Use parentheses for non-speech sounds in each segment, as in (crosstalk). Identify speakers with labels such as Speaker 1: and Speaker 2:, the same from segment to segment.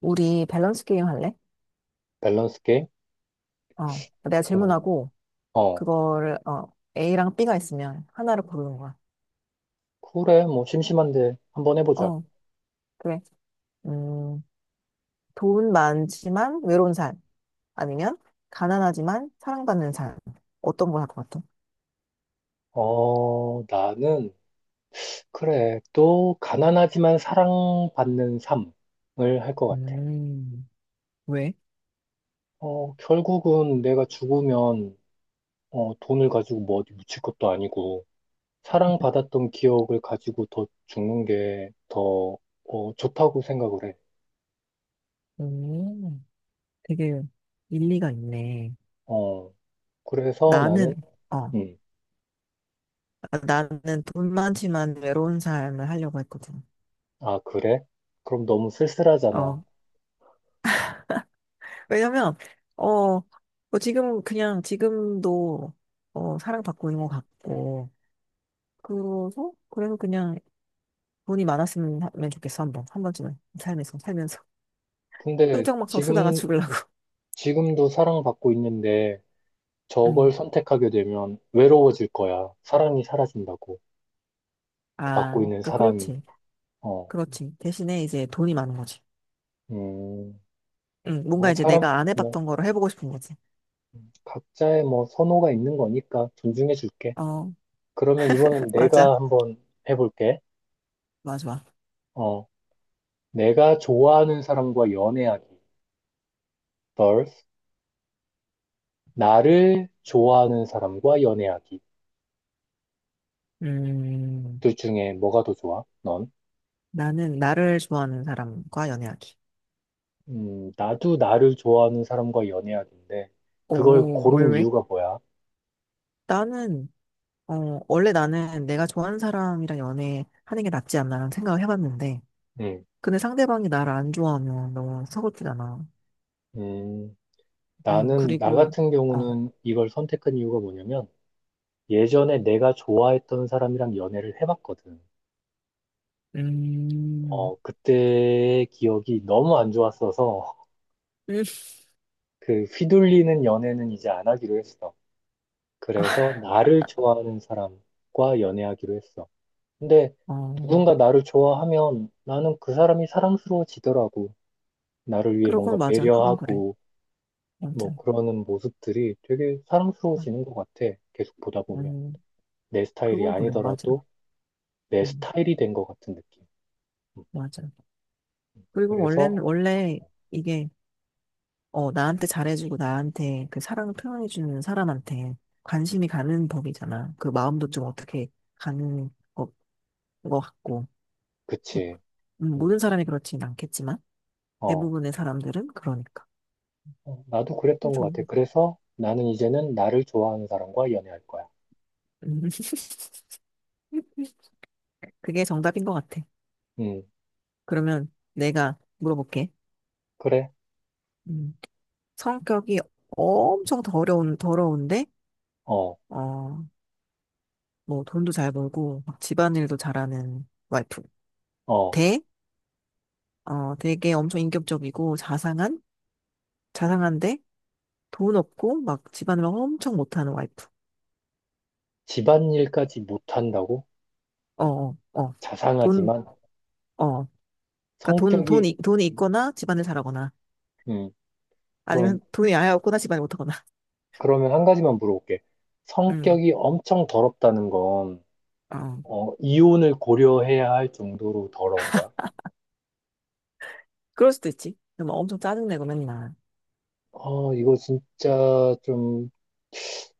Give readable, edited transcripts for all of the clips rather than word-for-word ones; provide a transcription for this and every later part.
Speaker 1: 우리 밸런스 게임 할래?
Speaker 2: 밸런스 게임?
Speaker 1: 어, 내가
Speaker 2: 어,
Speaker 1: 질문하고
Speaker 2: 어,
Speaker 1: 그거를 A랑 B가 있으면 하나를 고르는 거야.
Speaker 2: 그래, 뭐, 심심한데, 한번 해보자.
Speaker 1: 어, 그래. 음, 돈 많지만 외로운 삶, 아니면 가난하지만 사랑받는 삶, 어떤 걸 할 것 같아?
Speaker 2: 나는, 그래, 또, 가난하지만 사랑받는 삶을 할 것 같아.
Speaker 1: 음, 왜?
Speaker 2: 결국은 내가 죽으면, 돈을 가지고 뭐 어디 묻힐 것도 아니고, 사랑받았던 기억을 가지고 더 죽는 게 더, 좋다고 생각을 해.
Speaker 1: 음, 되게 일리가 있네.
Speaker 2: 어, 그래서 나는,
Speaker 1: 나는 어,
Speaker 2: 음,
Speaker 1: 나는 돈 많지만 외로운 삶을 하려고 했거든.
Speaker 2: 아, 그래? 그럼 너무
Speaker 1: 어,
Speaker 2: 쓸쓸하잖아.
Speaker 1: 왜냐면, 어, 뭐 지금 그냥 지금도 사랑받고 있는 것 같고, 그래서 그냥 돈이 많았으면 면 좋겠어, 한 번. 한 번쯤은. 삶에서, 살면서. (laughs)
Speaker 2: 근데
Speaker 1: 흥청망청 쓰다가 죽으려고.
Speaker 2: 지금도 사랑받고 있는데 저걸
Speaker 1: 음.
Speaker 2: 선택하게 되면 외로워질 거야. 사랑이 사라진다고. 그
Speaker 1: 아,
Speaker 2: 받고 있는
Speaker 1: 그러니까
Speaker 2: 사랑이.
Speaker 1: 그렇지.
Speaker 2: 어,
Speaker 1: 그렇지. 대신에 이제 돈이 많은 거지.
Speaker 2: 음,
Speaker 1: 응, 뭔가
Speaker 2: 뭐
Speaker 1: 이제
Speaker 2: 사람,
Speaker 1: 내가 안
Speaker 2: 뭐,
Speaker 1: 해봤던 거를 해보고 싶은 거지.
Speaker 2: 각자의 뭐 선호가 있는 거니까 존중해 줄게.
Speaker 1: 어,
Speaker 2: 그러면
Speaker 1: (laughs)
Speaker 2: 이번엔
Speaker 1: 맞아.
Speaker 2: 내가 한번 해볼게.
Speaker 1: 맞아.
Speaker 2: 어, 내가 좋아하는 사람과 연애하기. vs 나를 좋아하는 사람과 연애하기.
Speaker 1: 음,
Speaker 2: 둘 중에 뭐가 더 좋아? 넌?
Speaker 1: 나는 나를 좋아하는 사람과 연애하기.
Speaker 2: 나도 나를 좋아하는 사람과 연애해야 되는데, 그걸
Speaker 1: 오, 왜,
Speaker 2: 고른
Speaker 1: 왜?
Speaker 2: 이유가 뭐야?
Speaker 1: 나는 어, 원래 나는 내가 좋아하는 사람이랑 연애하는 게 낫지 않나라는 생각을 해봤는데,
Speaker 2: 음,
Speaker 1: 근데 상대방이 나를 안 좋아하면 너무 서글프잖아.
Speaker 2: 음, 나
Speaker 1: 그리고,
Speaker 2: 같은
Speaker 1: 어,
Speaker 2: 경우는 이걸 선택한 이유가 뭐냐면, 예전에 내가 좋아했던 사람이랑 연애를 해봤거든.
Speaker 1: 음,
Speaker 2: 그때의 기억이 너무 안 좋았어서,
Speaker 1: 음,
Speaker 2: 그 휘둘리는 연애는 이제 안 하기로 했어. 그래서 나를 좋아하는 사람과 연애하기로 했어. 근데
Speaker 1: 어,
Speaker 2: 누군가 나를 좋아하면 나는 그 사람이 사랑스러워지더라고. 나를 위해 뭔가
Speaker 1: 그건 맞아. 그건 그래.
Speaker 2: 배려하고, 뭐
Speaker 1: 아무튼,
Speaker 2: 그러는 모습들이 되게
Speaker 1: 아,
Speaker 2: 사랑스러워지는 것 같아. 계속 보다 보면.
Speaker 1: 음,
Speaker 2: 내 스타일이
Speaker 1: 그건 그래. 맞아.
Speaker 2: 아니더라도 내
Speaker 1: 음,
Speaker 2: 스타일이 된 것 같은 느낌. 음,
Speaker 1: 맞아. 그리고 원래는,
Speaker 2: 그래서,
Speaker 1: 원래 이게, 나한테 잘해주고 나한테 그 사랑을 표현해주는 사람한테 관심이 가는 법이잖아. 그 마음도 좀 어떻게 가는 거 같고.
Speaker 2: 그치. 음,
Speaker 1: 모든 사람이 그렇진 않겠지만
Speaker 2: 어,
Speaker 1: 대부분의 사람들은 그러니까
Speaker 2: 나도 그랬던 것
Speaker 1: 좋은
Speaker 2: 같아.
Speaker 1: 것 같아.
Speaker 2: 그래서 나는 이제는 나를 좋아하는 사람과 연애할 거야.
Speaker 1: 음, (laughs) 그게 정답인 것 같아.
Speaker 2: 음,
Speaker 1: 그러면 내가 물어볼게.
Speaker 2: 그래.
Speaker 1: 음, 성격이 엄청 더러운데,
Speaker 2: 어,
Speaker 1: 어, 뭐 돈도 잘 벌고 막 집안일도 잘하는 와이프.
Speaker 2: 어.
Speaker 1: 대 되게 엄청 인격적이고 자상한데, 돈 없고 막 집안일 엄청 못하는 와이프.
Speaker 2: 집안일까지 못한다고?
Speaker 1: 어, 어, 어. 돈,
Speaker 2: 자상하지만
Speaker 1: 어. 그러니까 돈,
Speaker 2: 성격이,
Speaker 1: 돈이, 돈이 있거나 집안일 잘하거나.
Speaker 2: 음, 그럼,
Speaker 1: 아니면 돈이 아예 없거나 집안이 못하거나.
Speaker 2: 그러면 한 가지만 물어볼게.
Speaker 1: 음,
Speaker 2: 성격이 엄청 더럽다는 건
Speaker 1: 어.
Speaker 2: 이혼을 고려해야 할 정도로 더러운 거야?
Speaker 1: 그럴 수도 있지. 근데 막 엄청 짜증내고 맨날.
Speaker 2: 아, 이거 진짜 좀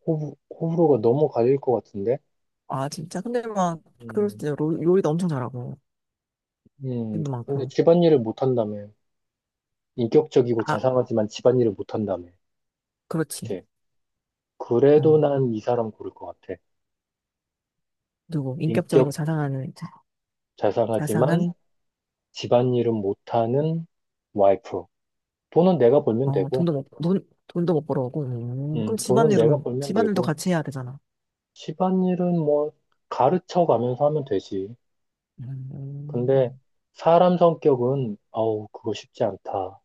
Speaker 2: 호불호가 너무 갈릴 것 같은데?
Speaker 1: 아, 진짜. 근데 막, 그럴
Speaker 2: 음,
Speaker 1: 수도 있 요리도 엄청 잘하고. 돈도
Speaker 2: 근데
Speaker 1: 많고.
Speaker 2: 집안일을 못한다며. 인격적이고
Speaker 1: 아,
Speaker 2: 자상하지만 집안일을 못한다며.
Speaker 1: 그렇지.
Speaker 2: 그치? 그래도
Speaker 1: 어.
Speaker 2: 난 이 사람 고를 것 같아.
Speaker 1: 누구, 인격적이고
Speaker 2: 인격
Speaker 1: 자상한,
Speaker 2: 자상하지만 집안일은 못하는 와이프. 돈은 내가 벌면 되고,
Speaker 1: 돈도 못 벌어오고. 그럼
Speaker 2: 돈은 내가
Speaker 1: 집안일은,
Speaker 2: 벌면
Speaker 1: 집안일도
Speaker 2: 되고,
Speaker 1: 같이 해야 되잖아.
Speaker 2: 집안일은 뭐 가르쳐 가면서 하면 되지. 근데
Speaker 1: 음.
Speaker 2: 사람 성격은 아우 그거 쉽지 않다.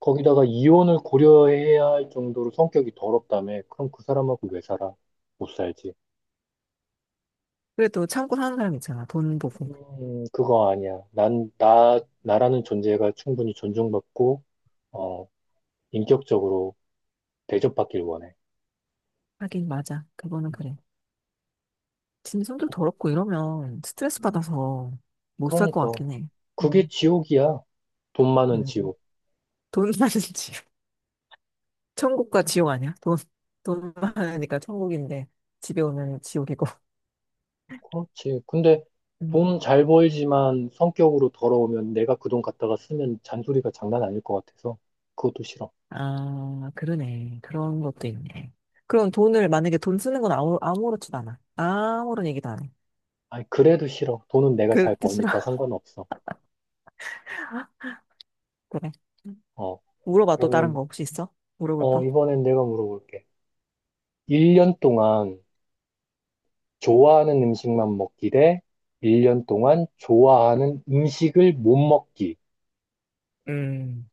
Speaker 2: 거기다가 이혼을 고려해야 할 정도로 성격이 더럽다며. 그럼 그 사람하고 왜 살아? 못 살지.
Speaker 1: 그래도 참고 사는 사람 있잖아. 돈 보고.
Speaker 2: 그거 아니야. 나라는 존재가 충분히 존중받고, 어, 인격적으로 대접받길 원해.
Speaker 1: 하긴, 맞아. 그거는
Speaker 2: 음,
Speaker 1: 그래. 진짜 성격
Speaker 2: 도-
Speaker 1: 더럽고 이러면 스트레스
Speaker 2: 음.
Speaker 1: 받아서 못 살 것
Speaker 2: 그러니까.
Speaker 1: 같긴 해.
Speaker 2: 그게
Speaker 1: 음.
Speaker 2: 지옥이야. 돈 많은
Speaker 1: 음.
Speaker 2: 지옥.
Speaker 1: 돈 많은 (laughs) 집. 천국과 지옥 아니야? 돈 많으니까 천국인데, 집에 오면 지옥이고.
Speaker 2: 그렇지. 근데
Speaker 1: 음.
Speaker 2: 돈 잘 벌지만 성격으로 더러우면 내가 그 돈 갖다가 쓰면 잔소리가 장난 아닐 것 같아서 그것도 싫어.
Speaker 1: 아, 그러네. 그런 것도 있네. 그럼 만약에 돈 쓰는 건 아무렇지도 않아. 아무런 얘기도 안 해.
Speaker 2: 아니, 그래도 싫어. 돈은 내가 잘
Speaker 1: 그렇게 싫어.
Speaker 2: 버니까
Speaker 1: (laughs)
Speaker 2: 상관없어.
Speaker 1: 그래.
Speaker 2: 어,
Speaker 1: 물어봐, 또 다른
Speaker 2: 그러면,
Speaker 1: 거 혹시 있어? 물어볼 까.
Speaker 2: 이번엔 내가 물어볼게. 1년 동안 좋아하는 음식만 먹기 대 1년 동안 좋아하는 음식을 못 먹기.
Speaker 1: 음.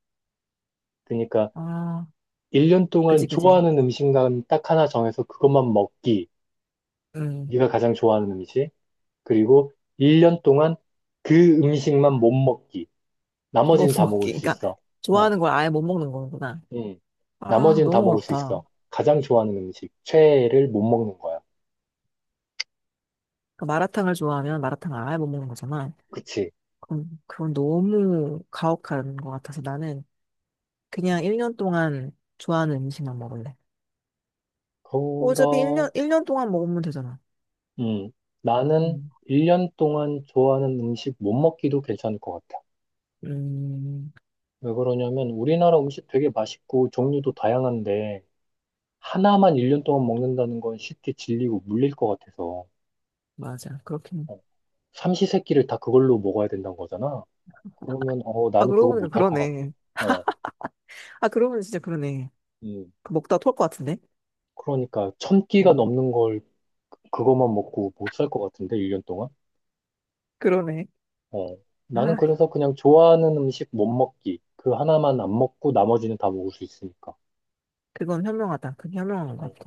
Speaker 2: 그러니까
Speaker 1: 아,
Speaker 2: 1년 동안
Speaker 1: 그지, 그지.
Speaker 2: 좋아하는 음식만 딱 하나 정해서 그것만 먹기.
Speaker 1: 음.
Speaker 2: 네가 가장 좋아하는 음식. 그리고 1년 동안 그 음식만 못 먹기.
Speaker 1: 못
Speaker 2: 나머지는
Speaker 1: (laughs)
Speaker 2: 다 먹을
Speaker 1: 먹기.
Speaker 2: 수
Speaker 1: 그러니까,
Speaker 2: 있어. 어,
Speaker 1: 좋아하는 걸 아예 못 먹는 거구나.
Speaker 2: 음.
Speaker 1: 아,
Speaker 2: 나머지는 다
Speaker 1: 너무
Speaker 2: 먹을 수
Speaker 1: 어렵다.
Speaker 2: 있어. 가장 좋아하는 음식, 최애를 못 먹는 거야.
Speaker 1: 그러니까 마라탕을 좋아하면 마라탕을 아예 못 먹는 거잖아.
Speaker 2: 그치?
Speaker 1: 그건 너무 가혹한 것 같아서 나는 그냥 1년 동안 좋아하는 음식만 먹을래. 어차피 1년,
Speaker 2: 그러,
Speaker 1: 일 년 동안 먹으면 되잖아.
Speaker 2: 음, 나는
Speaker 1: 음,
Speaker 2: 1년 동안 좋아하는 음식 못 먹기도 괜찮을 것 같아.
Speaker 1: 음,
Speaker 2: 왜 그러냐면 우리나라 음식 되게 맛있고 종류도 다양한데 하나만 1년 동안 먹는다는 건 쉽게 질리고 물릴 것 같아서
Speaker 1: 맞아. 그렇긴.
Speaker 2: 어, 삼시세끼를 다 그걸로 먹어야 된다는 거잖아. 그러면
Speaker 1: 아,
Speaker 2: 나는
Speaker 1: 그러고
Speaker 2: 그거
Speaker 1: 보니까
Speaker 2: 못할 것 같아.
Speaker 1: 그러네.
Speaker 2: 어,
Speaker 1: 아, 그러고 보니 진짜 그러네.
Speaker 2: 음.
Speaker 1: 그 먹다 토할 것 같은데?
Speaker 2: 그러니까 천 끼가
Speaker 1: 음,
Speaker 2: 넘는 걸 그것만 먹고 못 살 것 같은데 1년 동안.
Speaker 1: 그러네.
Speaker 2: 어, 나는
Speaker 1: 아,
Speaker 2: 그래서 그냥 좋아하는 음식 못 먹기 그 하나만 안 먹고 나머지는 다 먹을 수 있으니까.
Speaker 1: 그건 현명하다. 그게 현명한 것
Speaker 2: 어,
Speaker 1: 같아.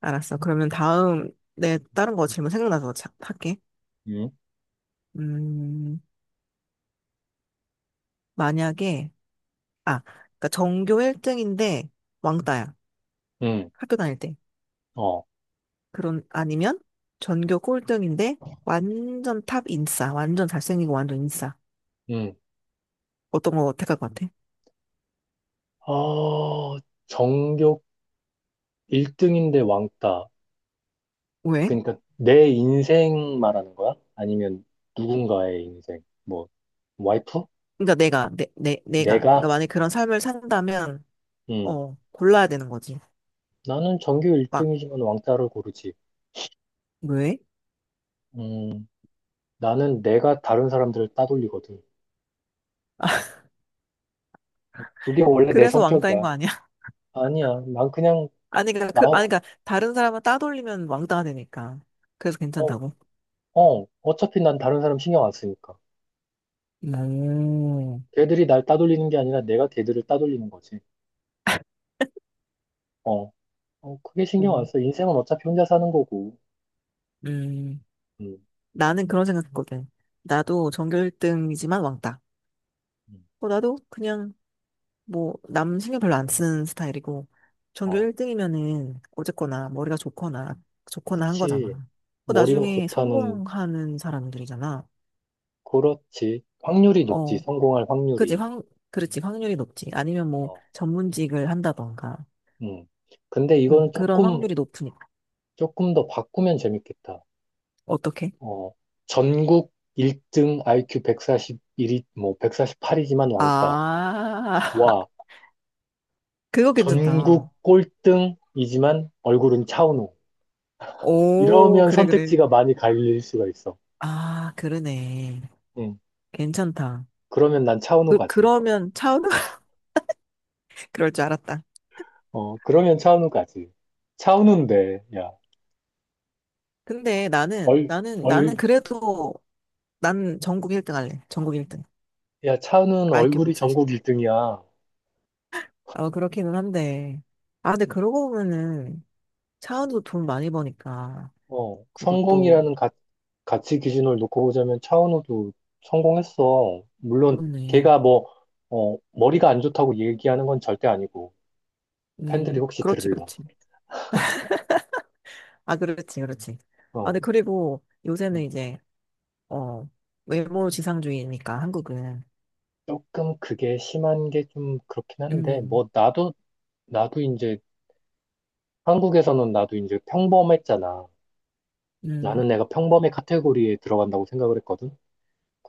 Speaker 1: 알았어. 그러면 다음, 내 다른 거 질문 생각나서 자, 할게.
Speaker 2: 음,
Speaker 1: 음, 만약에, 아, 그러니까 전교 1등인데 왕따야.
Speaker 2: 음,
Speaker 1: 학교 다닐 때.
Speaker 2: 어,
Speaker 1: 아니면 전교 꼴등인데 완전 탑 인싸, 완전 잘생기고 완전 인싸.
Speaker 2: 음.
Speaker 1: 어떤 거 택할 것 같아?
Speaker 2: 아 전교 1등인데 왕따.
Speaker 1: 왜?
Speaker 2: 그러니까 내 인생 말하는 거야? 아니면 누군가의 인생? 뭐 와이프?
Speaker 1: 그러니까 내가. 그러니까
Speaker 2: 내가?
Speaker 1: 만약에 그런 삶을 산다면,
Speaker 2: 음.
Speaker 1: 골라야 되는 거지.
Speaker 2: 나는 전교
Speaker 1: 막,
Speaker 2: 1등이지만 왕따를 고르지.
Speaker 1: 왜?
Speaker 2: 음, 나는 내가 다른 사람들을 따돌리거든.
Speaker 1: (laughs)
Speaker 2: 그게 원래 내
Speaker 1: 그래서 왕따인
Speaker 2: 성격이야.
Speaker 1: 거 아니야? (laughs)
Speaker 2: 아니야. 난 그냥,
Speaker 1: 아니, 그러니까,
Speaker 2: 나,
Speaker 1: 그,
Speaker 2: 어,
Speaker 1: 아니, 그러니까 다른 사람은 따돌리면 왕따가 되니까. 그래서 괜찮다고.
Speaker 2: 어, 어차피 난 다른 사람 신경 안 쓰니까.
Speaker 1: 오,
Speaker 2: 걔들이 날 따돌리는 게 아니라 내가 걔들을 따돌리는 거지. 어, 그게 신경 안
Speaker 1: 그러네.
Speaker 2: 써. 인생은 어차피 혼자 사는 거고.
Speaker 1: 음,
Speaker 2: 음,
Speaker 1: 나는 그런 생각했거든. 나도 전교 1등이지만 왕따.
Speaker 2: 음,
Speaker 1: 나도 그냥 뭐, 남 신경 별로 안 쓰는 스타일이고, 전교
Speaker 2: 어,
Speaker 1: 1등이면은 어쨌거나 머리가 좋거나 한
Speaker 2: 그치.
Speaker 1: 거잖아. 그
Speaker 2: 머리가
Speaker 1: 나중에
Speaker 2: 좋다는,
Speaker 1: 성공하는 사람들이잖아.
Speaker 2: 그렇지. 확률이 높지.
Speaker 1: 어,
Speaker 2: 성공할
Speaker 1: 그지,
Speaker 2: 확률이.
Speaker 1: 확, 그렇지, 확률이 높지. 아니면 뭐,
Speaker 2: 어,
Speaker 1: 전문직을 한다던가.
Speaker 2: 음. 근데
Speaker 1: 응,
Speaker 2: 이거는
Speaker 1: 그런 확률이 높으니까.
Speaker 2: 조금 더 바꾸면 재밌겠다.
Speaker 1: 어떻게?
Speaker 2: 어, 전국 1등 IQ 141이, 뭐, 148이지만 왕따.
Speaker 1: 아, (laughs)
Speaker 2: 와,
Speaker 1: 그거 괜찮다.
Speaker 2: 전국 꼴등이지만 얼굴은 차은우.
Speaker 1: 오,
Speaker 2: 이러면
Speaker 1: 그래, 그래.
Speaker 2: 선택지가 많이 갈릴 수가 있어.
Speaker 1: 아, 그러네.
Speaker 2: 응.
Speaker 1: 괜찮다.
Speaker 2: 그러면 난 차은우
Speaker 1: 그,
Speaker 2: 가지.
Speaker 1: 그러면 차우, 은 (laughs) 그럴 줄 알았다.
Speaker 2: 그러면 차은우 가지. 차은우인데, 야,
Speaker 1: 근데 나는,
Speaker 2: 얼,
Speaker 1: 나는, 나는
Speaker 2: 얼,
Speaker 1: 그래도 난 전국 1등 할래. 전국 1등.
Speaker 2: 야, 차은우는
Speaker 1: 아이큐 1
Speaker 2: 얼굴이
Speaker 1: 사0
Speaker 2: 전국 1등이야.
Speaker 1: 아, 그렇기는 한데. 아, 근데 그러고 보면은 차은우도 돈 많이 버니까, 그것도.
Speaker 2: 성공이라는 가치 기준을 놓고 보자면 차은우도 성공했어. 물론
Speaker 1: 그렇네.
Speaker 2: 걔가 뭐, 머리가 안 좋다고 얘기하는 건 절대 아니고 팬들이 혹시
Speaker 1: 그렇지,
Speaker 2: 들을라.
Speaker 1: 그렇지. 아, 그렇지, 그렇지. 아,
Speaker 2: 어,
Speaker 1: 근데 그리고 요새는
Speaker 2: 음.
Speaker 1: 이제 어 외모 지상주의니까 한국은.
Speaker 2: 조금 그게 심한 게 좀 그렇긴 한데
Speaker 1: 음,
Speaker 2: 뭐 나도 나도 이제 한국에서는 나도 이제 평범했잖아.
Speaker 1: 음,
Speaker 2: 나는 내가 평범의 카테고리에 들어간다고 생각을 했거든.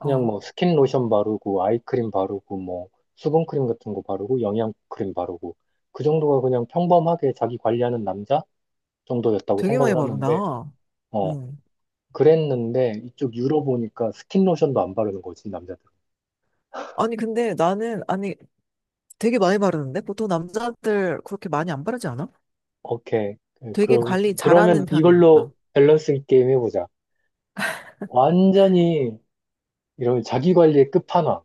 Speaker 1: 어
Speaker 2: 뭐 스킨 로션 바르고 아이크림 바르고 뭐 수분크림 같은 거 바르고 영양크림 바르고 그 정도가 그냥 평범하게 자기 관리하는 남자 정도였다고
Speaker 1: 되게 많이
Speaker 2: 생각을
Speaker 1: 바른다.
Speaker 2: 하는데 어
Speaker 1: 음.
Speaker 2: 그랬는데 이쪽 유럽 보니까 스킨 로션도 안 바르는 거지 남자들.
Speaker 1: 아니 근데 나는 아니 되게 많이 바르는데 보통 남자들 그렇게 많이 안 바르지 않아?
Speaker 2: 오케이.
Speaker 1: 되게
Speaker 2: 그
Speaker 1: 관리
Speaker 2: 그러면
Speaker 1: 잘하는 편이니까.
Speaker 2: 이걸로 밸런스 게임 해보자. 완전히 이런 자기 관리의 끝판왕.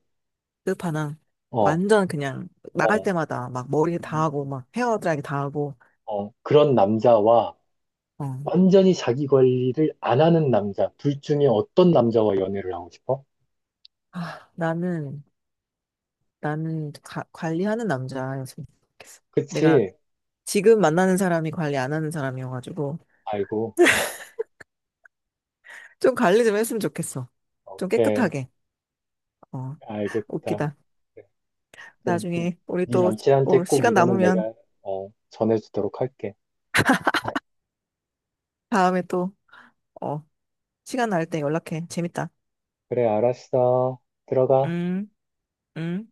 Speaker 1: 끝판왕.
Speaker 2: 어
Speaker 1: 완전 그냥 나갈
Speaker 2: 어,
Speaker 1: 때마다 막 머리 다
Speaker 2: 음,
Speaker 1: 하고 막 헤어 드라이기 다 하고.
Speaker 2: 그런 남자와
Speaker 1: 어.
Speaker 2: 완전히 자기 관리를 안 하는 남자, 둘 중에 어떤 남자와 연애를 하고 싶어?
Speaker 1: 아, 나는 관리하는 남자였으면 좋겠어. 내가
Speaker 2: 그치?
Speaker 1: 지금 만나는 사람이 관리 안 하는 사람이어가지고
Speaker 2: 아이고,
Speaker 1: 좀 관리 좀 했으면 좋겠어. 좀
Speaker 2: 오케이,
Speaker 1: 깨끗하게. 어.
Speaker 2: 알겠다.
Speaker 1: 웃기다.
Speaker 2: 그래. 그럼
Speaker 1: 나중에 우리
Speaker 2: 네
Speaker 1: 또
Speaker 2: 남친한테 꼭
Speaker 1: 시간
Speaker 2: 이거는
Speaker 1: 남으면,
Speaker 2: 내가 전해주도록 할게. (laughs)
Speaker 1: 다음에 또 어, 시간 날 때 연락해. 재밌다.
Speaker 2: 그래, 알았어. 들어가.
Speaker 1: 음, 음.